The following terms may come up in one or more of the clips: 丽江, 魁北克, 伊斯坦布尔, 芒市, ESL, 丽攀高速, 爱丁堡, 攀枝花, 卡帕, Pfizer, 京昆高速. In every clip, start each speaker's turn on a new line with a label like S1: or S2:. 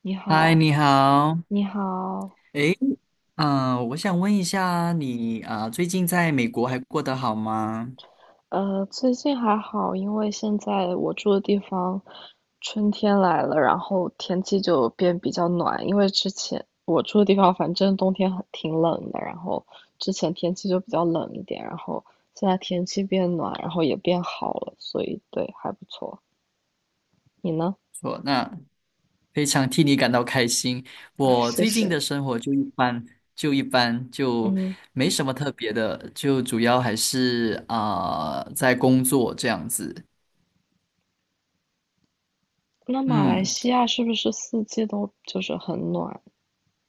S1: 你
S2: 嗨，
S1: 好，
S2: 你好。
S1: 你好。
S2: 诶，我想问一下你最近在美国还过得好吗？
S1: 最近还好。因为现在我住的地方春天来了，然后天气就变比较暖。因为之前我住的地方反正冬天挺冷的，然后之前天气就比较冷一点，然后现在天气变暖，然后也变好了，所以对，还不错。你呢？
S2: 那非常替你感到开心。我
S1: 谢
S2: 最近的
S1: 谢。
S2: 生活就一般，就
S1: 嗯，
S2: 没什么特别的，就主要还是在工作这样子。
S1: 那马来
S2: 嗯，
S1: 西亚是不是四季都就是很暖，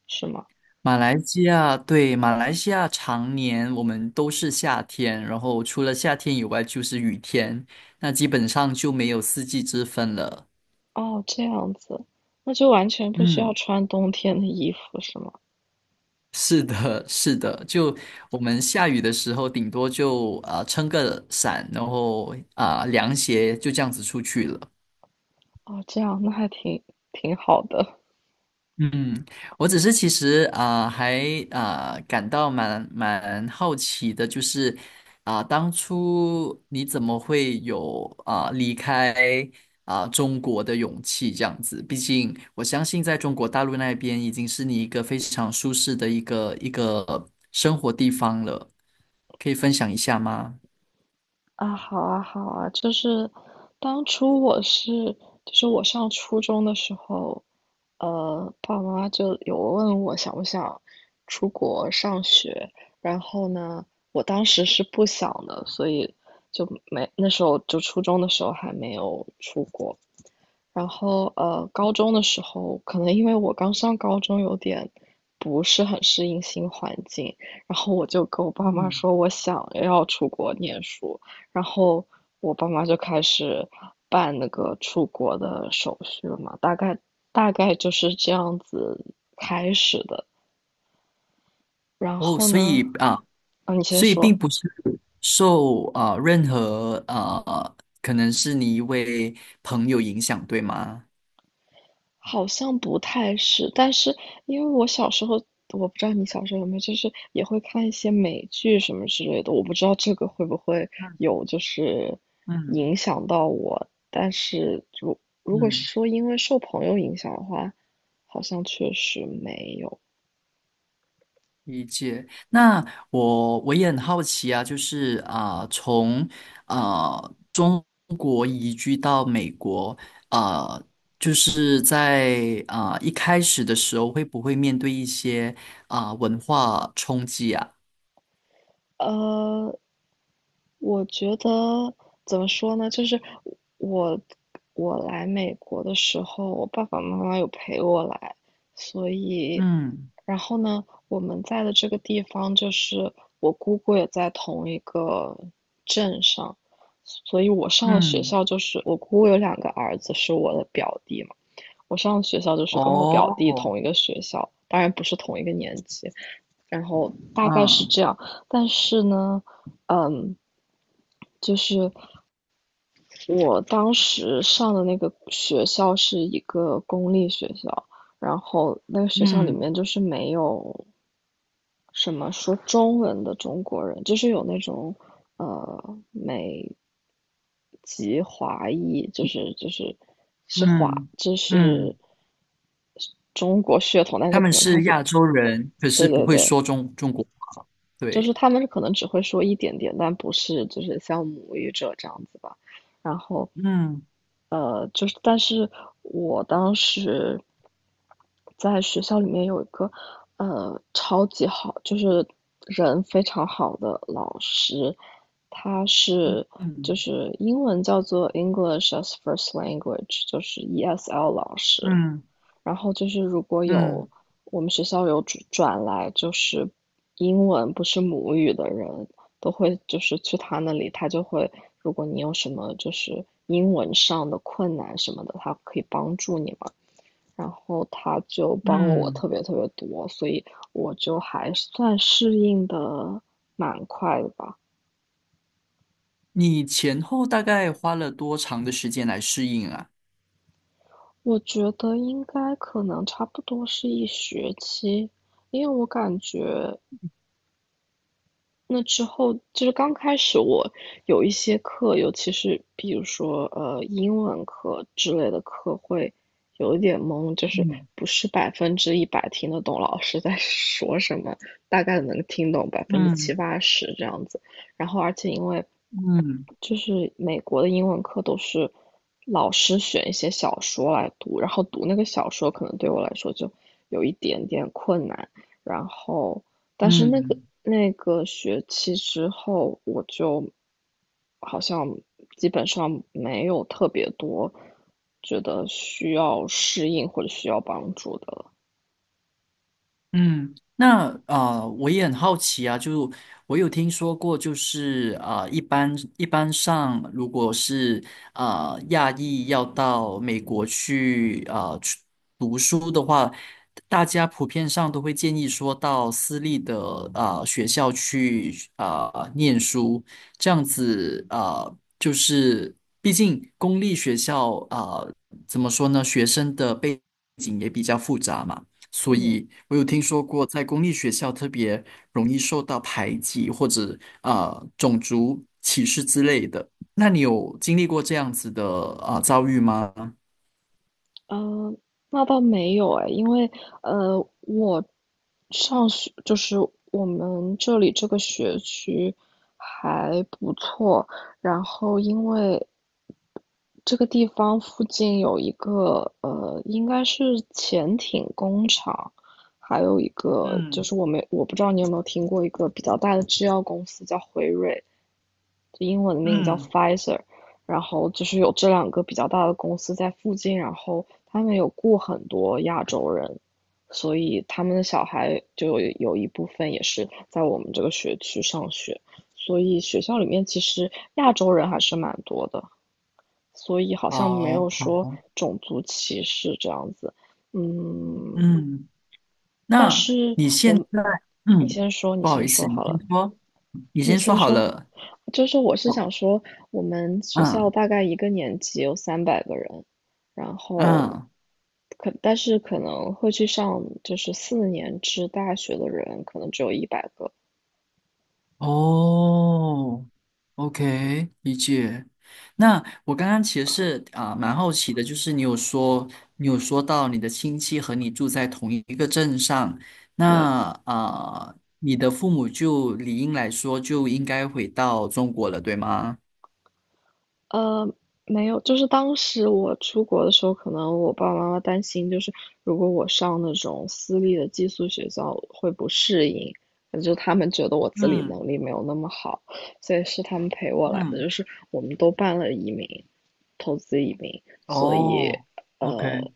S1: 是吗？
S2: 马来西亚，对，马来西亚常年我们都是夏天，然后除了夏天以外就是雨天，那基本上就没有四季之分了。
S1: 哦，这样子，那就完全不需要
S2: 嗯，
S1: 穿冬天的衣服是吗？
S2: 是的，是的，就我们下雨的时候，顶多就撑个伞，然后凉鞋就这样子出去了。
S1: 哦，这样那还挺好的。
S2: 嗯，我只是其实还感到蛮好奇的，就是当初你怎么会有离开中国的勇气这样子？毕竟我相信在中国大陆那边已经是你一个非常舒适的一个生活地方了，可以分享一下吗？
S1: 啊，好啊，好啊，就是当初我是，就是我上初中的时候，爸爸妈妈就有问我想不想出国上学。然后呢，我当时是不想的，所以就没，那时候就初中的时候还没有出国。然后高中的时候，可能因为我刚上高中，有点不是很适应新环境，然后我就跟我爸妈
S2: 嗯，
S1: 说我想要出国念书，然后我爸妈就开始办那个出国的手续了嘛。大概就是这样子开始的。然
S2: 哦，
S1: 后
S2: 所
S1: 呢，
S2: 以啊。
S1: 啊，你先
S2: 所以并
S1: 说。
S2: 不是受任何可能是你一位朋友影响，对吗？
S1: 好像不太是，但是因为我小时候，我不知道你小时候有没有，就是也会看一些美剧什么之类的，我不知道这个会不会有就是
S2: 嗯
S1: 影响到我。但是如果
S2: 嗯，
S1: 是说因为受朋友影响的话，好像确实没有。
S2: 理解。那我也很好奇啊，就是从啊、中国移居到美国，啊、就是在一开始的时候，会不会面对一些文化冲击啊？
S1: 呃，我觉得怎么说呢？就是我我来美国的时候，我爸爸妈妈有陪我来，所以
S2: 嗯
S1: 然后呢，我们在的这个地方就是我姑姑也在同一个镇上。所以我上的学
S2: 嗯，
S1: 校就是我姑姑有2个儿子是我的表弟嘛，我上的学校就是跟我表弟
S2: 哦，
S1: 同一个学校，当然不是同一个年级。然后大概是
S2: 嗯
S1: 这样。但是呢，嗯，就是我当时上的那个学校是一个公立学校，然后那个学校里
S2: 嗯。
S1: 面就是没有什么说中文的中国人，就是有那种美籍华裔，就是是华，
S2: 嗯
S1: 就是
S2: 嗯，
S1: 中国血统，但
S2: 他
S1: 是
S2: 们
S1: 可能他
S2: 是
S1: 是，
S2: 亚洲人，可
S1: 对
S2: 是不
S1: 对
S2: 会
S1: 对，
S2: 说中国话。
S1: 就是
S2: 对，
S1: 他们可能只会说一点点，但不是就是像母语者这样子吧。然后，
S2: 嗯
S1: 就是但是我当时在学校里面有一个超级好，就是人非常好的老师。他
S2: 嗯
S1: 是就
S2: 嗯
S1: 是英文叫做 English as First Language，就是 ESL 老师。
S2: 嗯
S1: 然后就是如果
S2: 嗯
S1: 有我们学校有转来就是英文不是母语的人，都会就是去他那里，他就会，如果你有什么就是英文上的困难什么的，他可以帮助你嘛。然后他就帮了我
S2: 嗯，
S1: 特别特别多，所以我就还算适应的蛮快的吧。
S2: 你前后大概花了多长的时间来适应啊？
S1: 我觉得应该可能差不多是1学期。因为我感觉那之后就是刚开始我有一些课，尤其是比如说英文课之类的课会有一点懵，就是
S2: 嗯
S1: 不是100%听得懂老师在 说什么，大概能听懂百分之
S2: 嗯
S1: 七八十这样子。然后而且因为
S2: 嗯
S1: 就是美国的英文课都是老师选一些小说来读，然后读那个小说可能对我来说就有一点点困难。然后，但是那个
S2: 嗯
S1: 那个学期之后，我就好像基本上没有特别多觉得需要适应或者需要帮助的了。
S2: 嗯，那我也很好奇啊，就我有听说过，就是一般上，如果是亚裔要到美国去读书的话，大家普遍上都会建议说到私立的学校去念书，这样子就是毕竟公立学校怎么说呢，学生的背景也比较复杂嘛。所
S1: 嗯，
S2: 以我有听说过，在公立学校特别容易受到排挤或者种族歧视之类的。那你有经历过这样子的遭遇吗？
S1: 呃，那倒没有哎。因为我上学就是我们这里这个学区还不错。然后因为这个地方附近有一个应该是潜艇工厂，还有一个就
S2: 嗯
S1: 是我不知道你有没有听过一个比较大的制药公司叫辉瑞，就英文名叫
S2: 嗯
S1: Pfizer。然后就是有这两个比较大的公司在附近，然后他们有雇很多亚洲人，所以他们的小孩就有一部分也是在我们这个学区上学，所以学校里面其实亚洲人还是蛮多的。所以好像没
S2: 好，
S1: 有说种族歧视这样子。嗯，
S2: 嗯，
S1: 但
S2: 那
S1: 是
S2: 你现
S1: 我，
S2: 在，
S1: 你
S2: 嗯，
S1: 先说，你
S2: 不好意
S1: 先
S2: 思，
S1: 说
S2: 你
S1: 好
S2: 先
S1: 了，
S2: 说，你
S1: 你
S2: 先说
S1: 先
S2: 好
S1: 说。
S2: 了。
S1: 就是我是想
S2: 我，
S1: 说，我们学校
S2: 嗯
S1: 大概一个年级有300个人，然后
S2: 嗯。
S1: 但是可能会去上就是四年制大学的人，可能只有100个。
S2: 哦，OK，理解。那我刚刚其实是蛮好奇的，就是你有说到你的亲戚和你住在同一个镇上，
S1: 对，
S2: 那你的父母就理应来说就应该回到中国了，对吗？
S1: 呃，没有，就是当时我出国的时候，可能我爸爸妈妈担心，就是如果我上那种私立的寄宿学校会不适应，就他们觉得我自理
S2: 嗯
S1: 能力没有那么好，所以是他们陪我来的，
S2: 嗯，
S1: 就是我们都办了移民，投资移民。所以
S2: 哦，OK，
S1: 呃，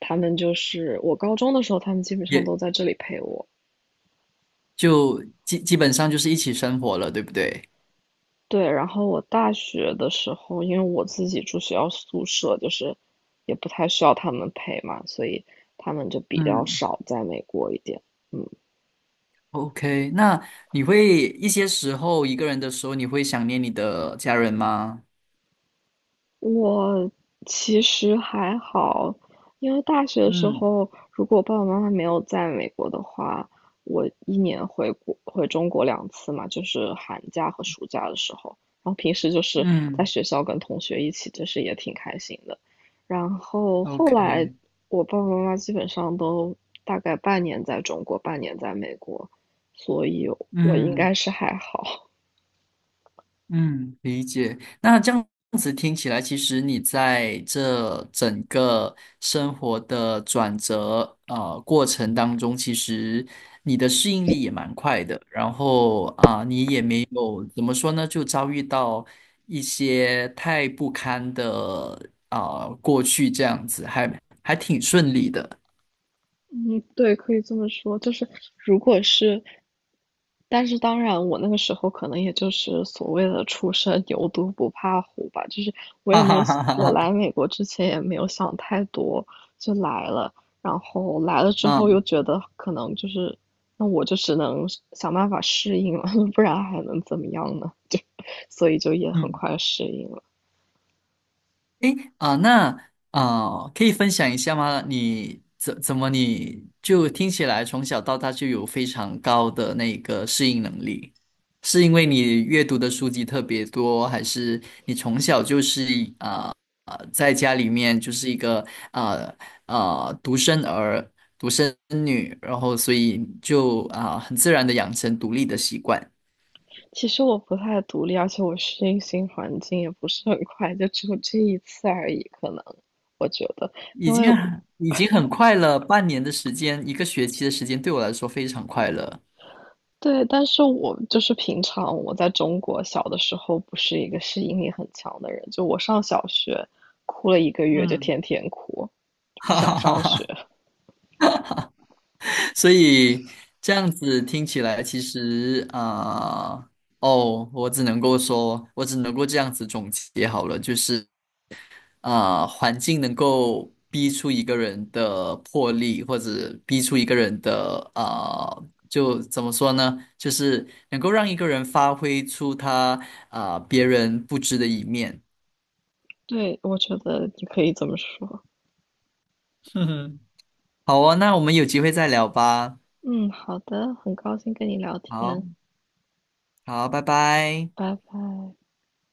S1: 他们就是我高中的时候，他们基本上
S2: 也
S1: 都在这里陪我。
S2: 就基本上就是一起生活了，对不对？
S1: 对，然后我大学的时候，因为我自己住学校宿舍，就是也不太需要他们陪嘛，所以他们就比较
S2: 嗯。
S1: 少在美国一点。
S2: OK，那你会一些时候一个人的时候，你会想念你的家人吗？
S1: 我其实还好，因为大学的时
S2: 嗯。
S1: 候，如果我爸爸妈妈没有在美国的话，我1年回中国2次嘛，就是寒假和暑假的时候，然后平时就是在
S2: 嗯
S1: 学校跟同学一起，就是也挺开心的。然后后来
S2: ，OK，
S1: 我爸爸妈妈基本上都大概半年在中国，半年在美国，所以我应
S2: 嗯。
S1: 该是还好。
S2: 嗯，理解。那这样子听起来，其实你在这整个生活的转折过程当中，其实你的适应力也蛮快的。然后你也没有怎么说呢，就遭遇到一些太不堪的过去这样子，还挺顺利的。
S1: 嗯，对，可以这么说，就是如果是，但是当然，我那个时候可能也就是所谓的初生牛犊不怕虎吧，就是我 也
S2: 哈
S1: 没有，
S2: 哈哈哈
S1: 我来
S2: 哈。
S1: 美国之前也没有想太多，就来了。然后来了之后又
S2: 嗯
S1: 觉得可能就是，那我就只能想办法适应了。不然还能怎么样呢？就，所以就也很
S2: 嗯。
S1: 快适应了。
S2: 诶，啊，那可以分享一下吗？你怎怎么你就听起来从小到大就有非常高的那个适应能力？是因为你阅读的书籍特别多，还是你从小就是啊在家里面就是一个啊啊、独生儿、独生女，然后所以就很自然的养成独立的习惯。
S1: 其实我不太独立，而且我适应新环境也不是很 快，就只有这一次而已。可能我觉得，因
S2: 已
S1: 为
S2: 经已经很快了，半年的时间，一个学期的时间对我来说非常快乐。
S1: 对，但是我就是平常我在中国小的时候不是一个适应力很强的人，就我上小学哭了1个月，就
S2: 嗯，
S1: 天天哭，就不
S2: 哈
S1: 想
S2: 哈哈
S1: 上
S2: 哈，
S1: 学。
S2: 所以这样子听起来，其实呃哦，我只能够说，我只能够这样子总结好了，就是环境能够逼出一个人的魄力，或者逼出一个人的就怎么说呢？就是能够让一个人发挥出他别人不知的一面。
S1: 对，我觉得你可以这么说。
S2: 哼哼，好哦，那我们有机会再聊吧。
S1: 嗯，好的，很高兴跟你聊
S2: 好，
S1: 天。
S2: 好，拜拜。
S1: 拜拜。